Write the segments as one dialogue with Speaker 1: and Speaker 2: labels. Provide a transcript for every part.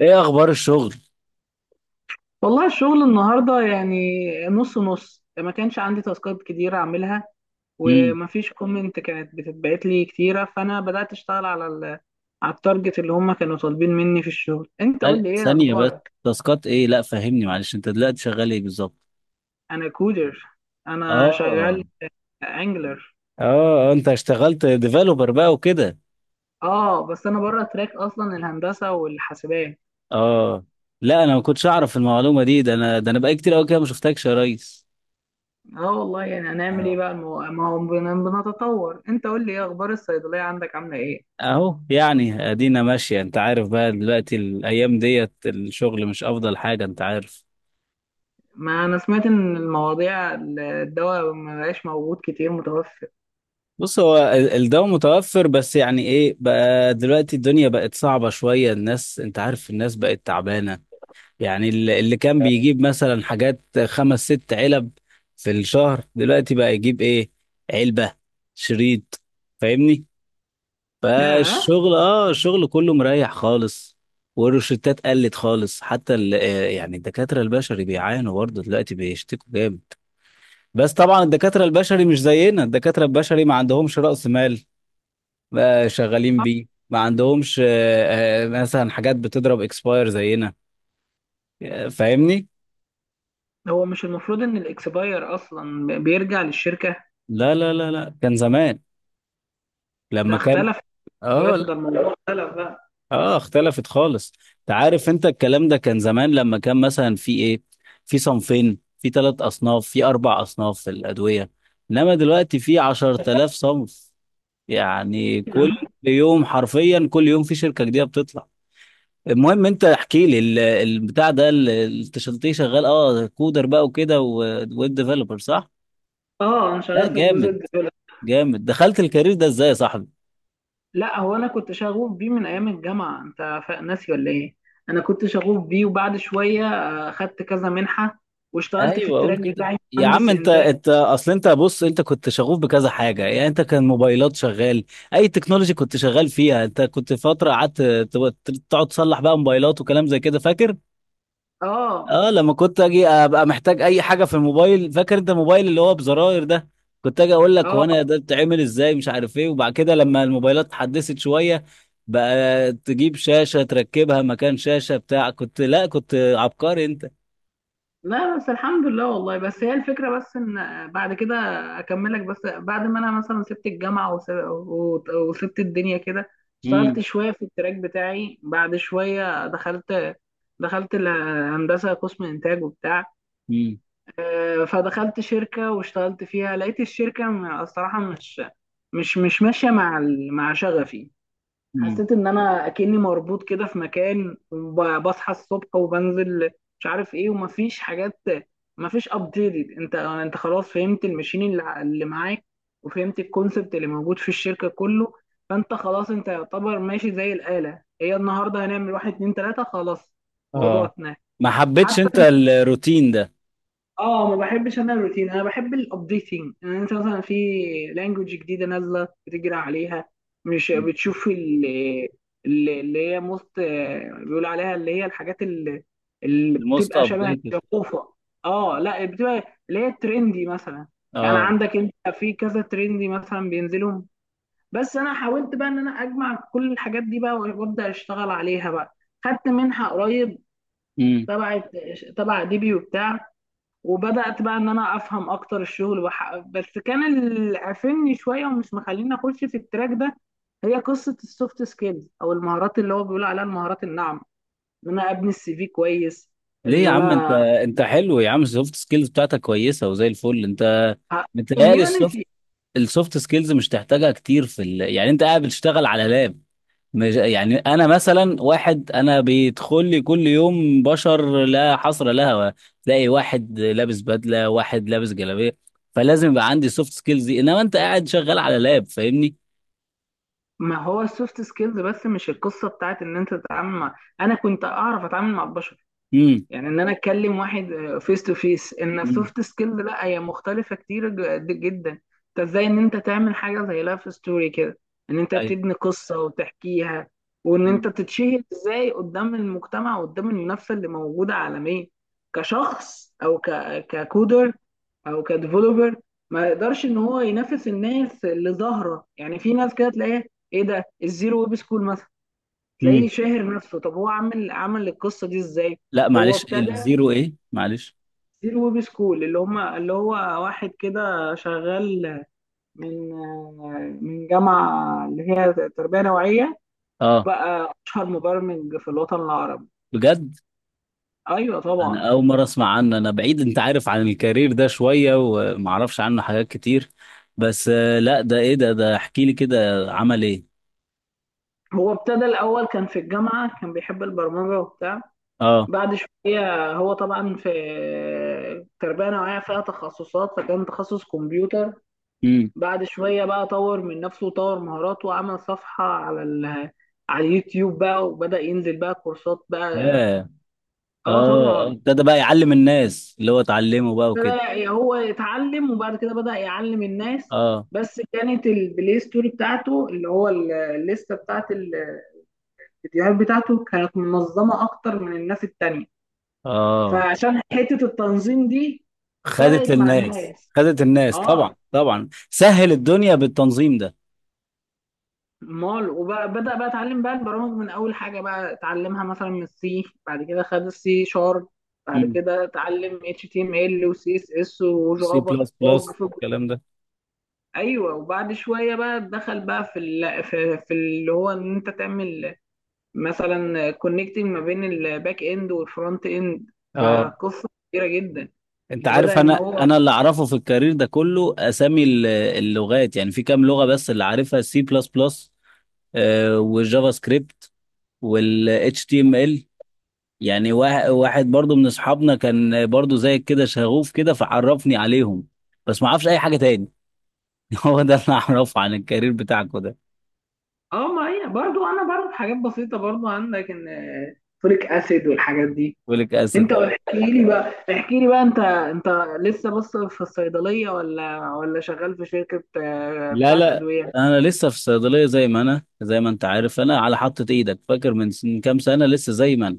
Speaker 1: ايه اخبار الشغل؟
Speaker 2: والله الشغل النهارده، يعني نص نص. ما كانش عندي تاسكات كتير اعملها،
Speaker 1: امم.
Speaker 2: ومفيش كومنت كانت بتتبعت لي كتيره، فانا بدات اشتغل على التارجت اللي هم كانوا طالبين مني في الشغل. انت قول
Speaker 1: ثانية
Speaker 2: لي ايه
Speaker 1: ثانية بس.
Speaker 2: اخبارك؟
Speaker 1: تاسكات ايه؟ لا، فهمني معلش، انت دلوقتي شغال ايه بالظبط؟
Speaker 2: انا كودر، انا
Speaker 1: اه.
Speaker 2: شغال انجلر.
Speaker 1: اه، انت اشتغلت ديفلوبر بقى وكده.
Speaker 2: اه بس انا بره تراك اصلا، الهندسه والحاسبات.
Speaker 1: اه، لا انا ما كنتش اعرف المعلومة دي، ده انا بقى كتير قوي كده ما شفتكش يا ريس.
Speaker 2: اه والله، يعني هنعمل ايه
Speaker 1: آه.
Speaker 2: بقى؟ ما هو بنتطور. انت قول لي ايه اخبار الصيدليه عندك، عامله ايه؟
Speaker 1: اهو، يعني ادينا ماشية، انت عارف بقى دلوقتي الايام ديت الشغل مش افضل حاجة انت عارف.
Speaker 2: ما انا سمعت ان المواضيع، الدواء ما بقاش موجود كتير متوفر.
Speaker 1: بص، هو الدواء متوفر، بس يعني ايه بقى دلوقتي الدنيا بقت صعبة شوية، الناس انت عارف الناس بقت تعبانة. يعني اللي كان بيجيب مثلا حاجات خمس ست علب في الشهر دلوقتي بقى يجيب ايه؟ علبة، شريط، فاهمني؟
Speaker 2: ياه.
Speaker 1: فالشغل اه الشغل كله مريح خالص. والروشتات قلت خالص، حتى يعني الدكاترة البشري بيعانوا برضه دلوقتي بيشتكوا جامد. بس طبعا الدكاترة البشري مش زينا، الدكاترة البشري ما عندهمش رأس مال بقى شغالين بيه، ما عندهمش مثلا حاجات بتضرب اكسباير زينا. فاهمني؟
Speaker 2: هو مش المفروض ان الاكسباير اصلا بيرجع للشركه؟
Speaker 1: لا لا لا لا، كان زمان
Speaker 2: ده
Speaker 1: لما كان.
Speaker 2: اختلف،
Speaker 1: اه.
Speaker 2: دلوقتي ده
Speaker 1: لا،
Speaker 2: الموضوع اختلف بقى.
Speaker 1: اه اختلفت خالص. انت عارف انت الكلام ده كان زمان لما كان مثلا في ايه، في صنفين، في ثلاث اصناف، في اربع اصناف في الادويه، انما دلوقتي في 10000 صنف. يعني كل يوم، حرفيا كل يوم في شركه جديده بتطلع. المهم انت احكي لي البتاع ده التشلتيه شغال، اه كودر بقى وكده ويب ديفلوبر صح؟
Speaker 2: اه، انا
Speaker 1: لا،
Speaker 2: شغال في الجزء
Speaker 1: جامد
Speaker 2: الديفلوب.
Speaker 1: جامد. دخلت الكارير ده ازاي يا صاحبي؟
Speaker 2: لا، هو انا كنت شغوف بيه من ايام الجامعه، انت ناسي ولا ايه؟ انا كنت شغوف بيه، وبعد شويه خدت كذا منحه، واشتغلت في
Speaker 1: ايوه اقول
Speaker 2: التراك
Speaker 1: كده،
Speaker 2: بتاعي،
Speaker 1: يا عم
Speaker 2: مهندس
Speaker 1: انت
Speaker 2: انتاج.
Speaker 1: انت اصل انت، بص انت كنت شغوف بكذا حاجه، يعني انت كان موبايلات شغال، اي تكنولوجي كنت شغال فيها، انت كنت فتره قعدت تقعد تصلح بقى موبايلات وكلام زي كده فاكر؟
Speaker 2: اه،
Speaker 1: اه، لما كنت اجي ابقى محتاج اي حاجه في الموبايل، فاكر انت الموبايل اللي هو بزراير ده، كنت اجي اقول لك هو
Speaker 2: اه.
Speaker 1: انا ده بتعمل ازاي مش عارف ايه، وبعد كده لما الموبايلات اتحدثت شويه بقى تجيب شاشه تركبها مكان شاشه بتاع، كنت لا كنت عبقري انت.
Speaker 2: لا بس الحمد لله والله. بس هي الفكرة، بس ان بعد كده اكملك. بس بعد ما انا مثلا سبت الجامعة وسبت الدنيا كده، اشتغلت شوية في التراك بتاعي، بعد شوية دخلت الهندسة، قسم انتاج وبتاع. فدخلت شركة واشتغلت فيها، لقيت الشركة الصراحة مش ماشية مع مع شغفي.
Speaker 1: امم.
Speaker 2: حسيت ان انا اكني مربوط كده في مكان، وبصحى الصبح وبنزل، مش عارف ايه، ومفيش حاجات، مفيش ابديت. انت خلاص فهمت المشين اللي اللي معاك، وفهمت الكونسبت اللي موجود في الشركة كله. فانت خلاص، انت يعتبر ماشي زي الآلة. هي النهارده هنعمل واحد، اتنين، تلاتة، خلاص. موضوع
Speaker 1: اه،
Speaker 2: اتنين.
Speaker 1: ما حبيتش انت الروتين ده.
Speaker 2: اه، ما بحبش انا الروتين، انا بحب الابديتنج. يعني انت مثلا في لانجوج جديده نازله بتجري عليها، مش بتشوف اللي هي موست، بيقول عليها اللي هي الحاجات اللي
Speaker 1: الموست
Speaker 2: بتبقى شبه
Speaker 1: ابديتد.
Speaker 2: الجفوفه. اه لا، بتبقى اللي هي الترندي مثلا. يعني
Speaker 1: اه.
Speaker 2: عندك انت في كذا ترندي مثلا بينزلهم. بس انا حاولت بقى ان انا اجمع كل الحاجات دي بقى وابدا اشتغل عليها بقى، خدت منحه قريب
Speaker 1: امم.
Speaker 2: تبع تبع ديبي وبتاع، وبدأت بقى ان انا افهم اكتر الشغل بس كان اللي قافلني شويه ومش مخليني اخش في التراك ده، هي قصه السوفت سكيلز او المهارات اللي هو بيقول عليها المهارات الناعمه، ان انا ابني السي في كويس.
Speaker 1: ليه يا
Speaker 2: ان
Speaker 1: عم انت
Speaker 2: انا
Speaker 1: انت حلو يا عم، السوفت سكيلز بتاعتك كويسه وزي الفل انت. متهيألي السوفت
Speaker 2: كوميونتي.
Speaker 1: السوفت سكيلز مش تحتاجها كتير في يعني انت قاعد بتشتغل على لاب. مش... يعني انا مثلا واحد، انا بيدخل لي كل يوم بشر لا حصر لها، تلاقي واحد لابس بدله واحد لابس جلابيه، فلازم يبقى عندي سوفت سكيلز دي، انما انت قاعد شغال على لاب فاهمني؟
Speaker 2: ما هو السوفت سكيلز، بس مش القصه بتاعت ان انت تتعامل مع، انا كنت اعرف اتعامل مع البشر.
Speaker 1: امم.
Speaker 2: يعني ان انا اتكلم واحد فيس تو فيس، ان
Speaker 1: امم.
Speaker 2: السوفت سكيل، لا، هي مختلفه كتير جدا. انت ازاي ان انت تعمل حاجه زي لايف ستوري كده، ان انت تبني قصه وتحكيها، وان انت
Speaker 1: مم.
Speaker 2: تتشهر ازاي قدام المجتمع وقدام المنافسه اللي موجوده عالميا، كشخص او ككودر او كديفلوبر. ما يقدرش ان هو ينافس الناس اللي ظاهره. يعني في ناس كده تلاقيها، ايه ده الزيرو ويب سكول مثلا، تلاقيه
Speaker 1: مم.
Speaker 2: شاهر نفسه. طب هو عامل، عمل القصه دي ازاي؟
Speaker 1: لا،
Speaker 2: هو
Speaker 1: معلش
Speaker 2: ابتدى،
Speaker 1: الزيرو ايه معلش؟
Speaker 2: دي الويب سكول اللي هم اللي هو واحد كده شغال من من جامعة اللي هي تربية نوعية،
Speaker 1: اه،
Speaker 2: بقى أشهر مبرمج في الوطن العربي.
Speaker 1: بجد؟
Speaker 2: أيوة طبعا.
Speaker 1: انا اول مره اسمع عنه، انا بعيد انت عارف عن الكارير ده شويه وما اعرفش عنه حاجات كتير. بس لا ده ايه ده احكي لي كده، عمل ايه؟
Speaker 2: هو ابتدى الأول، كان في الجامعة، كان بيحب البرمجة وبتاع.
Speaker 1: اه.
Speaker 2: بعد شوية هو طبعا في تربية نوعية فيها تخصصات، فكان تخصص كمبيوتر.
Speaker 1: امم.
Speaker 2: بعد شوية بقى طور من نفسه وطور مهاراته، وعمل صفحة على على اليوتيوب بقى، وبدأ ينزل بقى كورسات بقى.
Speaker 1: ياه.
Speaker 2: اه
Speaker 1: اه،
Speaker 2: طبعا.
Speaker 1: ابتدى بقى يعلم الناس اللي هو اتعلمه بقى وكده.
Speaker 2: بدأ هو يتعلم، وبعد كده بدأ يعلم الناس.
Speaker 1: اه.
Speaker 2: بس كانت البلاي ستوري بتاعته، اللي هو الليستة بتاعت الفيديوهات بتاعته كانت منظمة أكتر من الناس التانية،
Speaker 1: اه،
Speaker 2: فعشان حتة التنظيم دي
Speaker 1: خدت
Speaker 2: فرقت مع
Speaker 1: للناس
Speaker 2: الناس.
Speaker 1: خدت الناس، طبعا
Speaker 2: اه
Speaker 1: طبعا سهل الدنيا بالتنظيم ده.
Speaker 2: مال. وبدأ بقى اتعلم بقى البرامج، من اول حاجة بقى اتعلمها مثلا من السي، بعد كده خد السي شارب، بعد
Speaker 1: امم.
Speaker 2: كده اتعلم اتش تي ام ال وسي اس اس
Speaker 1: سي
Speaker 2: وجافا.
Speaker 1: بلس بلس الكلام ده.
Speaker 2: ايوه، وبعد شويه بقى دخل بقى في اللي هو ان انت تعمل مثلا كونكتنج ما بين الباك اند والفرونت اند،
Speaker 1: اه،
Speaker 2: فقصه كبيره جدا.
Speaker 1: انت
Speaker 2: وبدا
Speaker 1: عارف
Speaker 2: ان
Speaker 1: انا
Speaker 2: هو.
Speaker 1: انا اللي اعرفه في الكارير ده كله اسامي اللغات، يعني في كام لغه، بس اللي عارفها سي بلس بلس والجافا سكريبت والاتش تي ام ال. يعني واحد برضو من اصحابنا كان برضو زي كده شغوف كده فعرفني عليهم، بس ما اعرفش اي حاجه تاني. هو ده اللي اعرفه عن الكارير بتاعكم ده.
Speaker 2: اه ما هي برضو، انا بعرف حاجات بسيطه برضو عندك، ان فوليك اسيد والحاجات دي.
Speaker 1: فوليك
Speaker 2: انت
Speaker 1: اسيد، اه.
Speaker 2: احكي لي بقى، انت لسه بس في الصيدليه، ولا شغال في شركه
Speaker 1: لا
Speaker 2: بتاعت
Speaker 1: لا،
Speaker 2: ادويه؟
Speaker 1: انا لسه في الصيدليه زي ما انا زي ما انت عارف، انا على حطة ايدك فاكر من كام سنه لسه زي ما انا.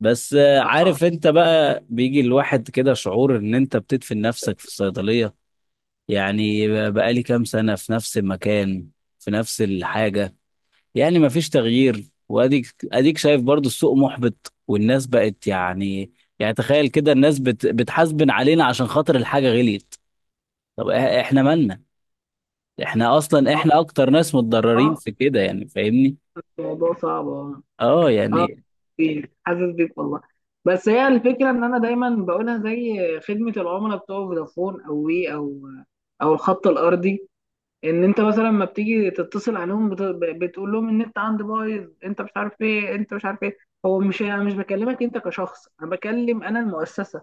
Speaker 1: بس
Speaker 2: اه،
Speaker 1: عارف، انت بقى بيجي الواحد كده شعور ان انت بتدفن نفسك في الصيدلية. يعني بقالي كام سنة في نفس المكان، في نفس الحاجة، يعني مفيش تغيير، واديك اديك شايف برضو السوق محبط والناس بقت يعني، يعني تخيل كده الناس بتحاسبن علينا عشان خاطر الحاجة غليت. طب احنا مالنا؟ احنا اصلا
Speaker 2: اه.
Speaker 1: احنا اكتر ناس متضررين
Speaker 2: آه،
Speaker 1: في كده، يعني فاهمني؟
Speaker 2: الموضوع صعب، اه.
Speaker 1: اه،
Speaker 2: آه،
Speaker 1: يعني
Speaker 2: بيك، حاسس بيك والله. بس هي الفكره ان انا دايما بقولها، زي خدمه العملاء بتوع فودافون او وي او او الخط الارضي، ان انت مثلا لما بتيجي تتصل عليهم بتقول لهم النت عندي بايظ، انت مش عارف ايه، انت مش عارف ايه. هو مش، انا مش بكلمك انت كشخص، انا بكلم، انا المؤسسه.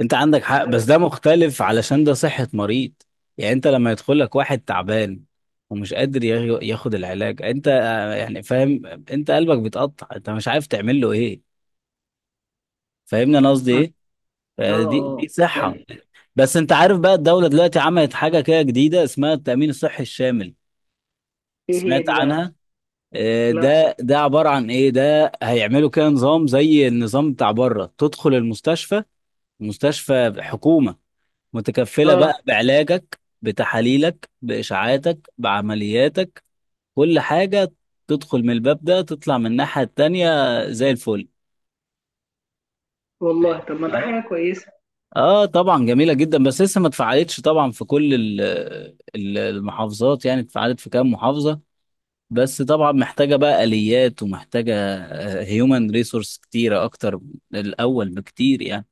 Speaker 1: انت عندك حق،
Speaker 2: انا
Speaker 1: بس ده
Speaker 2: بكلم.
Speaker 1: مختلف علشان ده صحة مريض. يعني انت لما يدخل لك واحد تعبان ومش قادر ياخد العلاج، انت يعني فاهم، انت قلبك بيتقطع، انت مش عارف تعمل له ايه، فاهمني انا قصدي
Speaker 2: اه،
Speaker 1: ايه؟
Speaker 2: اه.
Speaker 1: فدي دي
Speaker 2: آه.
Speaker 1: دي صحة.
Speaker 2: يعني،
Speaker 1: بس انت عارف بقى الدولة دلوقتي عملت حاجة كده جديدة اسمها التأمين الصحي الشامل،
Speaker 2: ايه هي
Speaker 1: سمعت
Speaker 2: دي
Speaker 1: عنها؟
Speaker 2: بقى؟ لا،
Speaker 1: ده عبارة عن ايه؟ ده هيعملوا كده نظام زي النظام بتاع بره، تدخل المستشفى، مستشفى حكومة متكفلة
Speaker 2: اه
Speaker 1: بقى بعلاجك بتحاليلك بإشعاعاتك بعملياتك، كل حاجة. تدخل من الباب ده تطلع من الناحية التانية زي الفل.
Speaker 2: والله، طب ما ده
Speaker 1: اه،
Speaker 2: حاجه كويسه.
Speaker 1: اه طبعا جميلة جدا، بس لسه ما اتفعلتش طبعا في كل المحافظات، يعني اتفعلت في كام محافظة، بس طبعا محتاجة بقى آليات ومحتاجة هيومن ريسورس كتيرة أكتر من الأول بكتير يعني.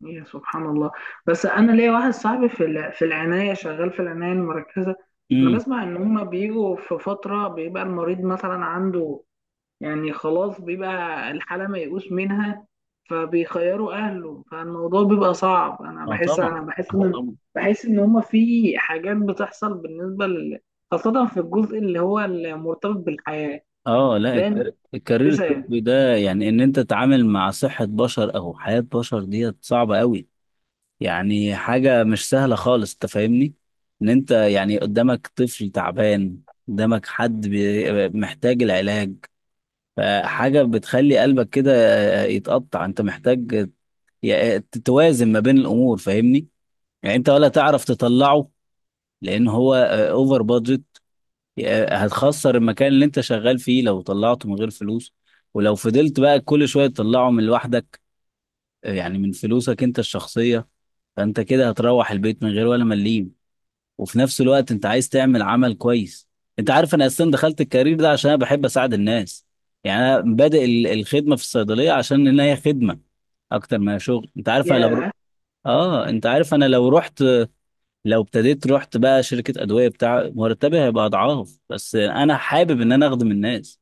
Speaker 2: يا سبحان الله. بس انا ليا واحد صاحبي في في العنايه، شغال في العنايه المركزه. انا
Speaker 1: امم.
Speaker 2: بسمع ان هما بيجوا في فتره بيبقى المريض مثلا عنده، يعني خلاص بيبقى الحاله ميؤوس منها، فبيخيروا اهله، فالموضوع بيبقى صعب. انا
Speaker 1: اه
Speaker 2: بحس
Speaker 1: طبعا،
Speaker 2: انا بحس ان
Speaker 1: طبعا.
Speaker 2: بحس ان هما في حاجات بتحصل بالنسبه خاصه في الجزء اللي هو المرتبط بالحياه.
Speaker 1: اه، لا
Speaker 2: لان
Speaker 1: الكارير
Speaker 2: لسه.
Speaker 1: الطبي ده يعني ان انت تتعامل مع صحة بشر او حياة بشر ديت صعبة قوي. يعني حاجة مش سهلة خالص انت فاهمني، ان انت يعني قدامك طفل تعبان، قدامك حد محتاج العلاج، فحاجة بتخلي قلبك كده يتقطع، انت محتاج تتوازن ما بين الامور فاهمني؟ يعني انت ولا تعرف تطلعه لان هو اوفر بادجت، هتخسر المكان اللي انت شغال فيه لو طلعته من غير فلوس، ولو فضلت بقى كل شوية تطلعه من لوحدك، يعني من فلوسك انت الشخصية، فانت كده هتروح البيت من غير ولا مليم، وفي نفس الوقت انت عايز تعمل عمل كويس. انت عارف انا اصلا دخلت الكارير ده عشان انا بحب اساعد الناس، يعني انا بادئ الخدمة في الصيدلية عشان ان هي خدمة اكتر ما هي شغل،
Speaker 2: يا
Speaker 1: انت عارف انا لو رحت، لو ابتديت رحت بقى شركة أدوية، بتاع مرتبي هيبقى أضعاف، بس أنا حابب إن أنا أخدم الناس،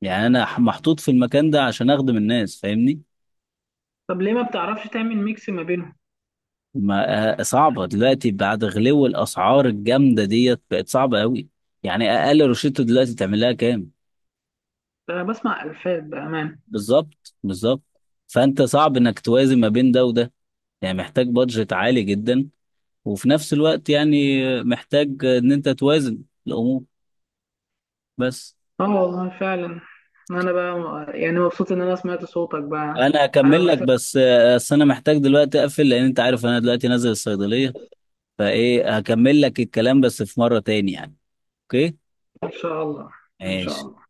Speaker 1: يعني أنا محطوط في المكان ده عشان أخدم الناس فاهمني؟
Speaker 2: طب ليه ما بتعرفش تعمل ميكس ما بينهم؟
Speaker 1: ما صعبة دلوقتي بعد غلو الأسعار الجامدة ديت بقت صعبة أوي، يعني أقل روشته دلوقتي تعمل لها كام؟
Speaker 2: ده انا بسمع الفاظ بامان.
Speaker 1: بالظبط، بالظبط. فأنت صعب إنك توازن ما بين ده وده، يعني محتاج بادجت عالي جدا، وفي نفس الوقت يعني محتاج إن أنت توازن الأمور بس.
Speaker 2: اه والله فعلا. انا بقى يعني مبسوط ان انا سمعت صوتك بقى.
Speaker 1: انا
Speaker 2: على
Speaker 1: هكمل لك،
Speaker 2: وقتك.
Speaker 1: بس بس انا محتاج دلوقتي اقفل لان انت عارف انا دلوقتي نازل الصيدلية، فايه هكمل لك الكلام بس في مرة تاني يعني. اوكي.
Speaker 2: ان شاء الله. ان شاء
Speaker 1: ماشي.
Speaker 2: الله.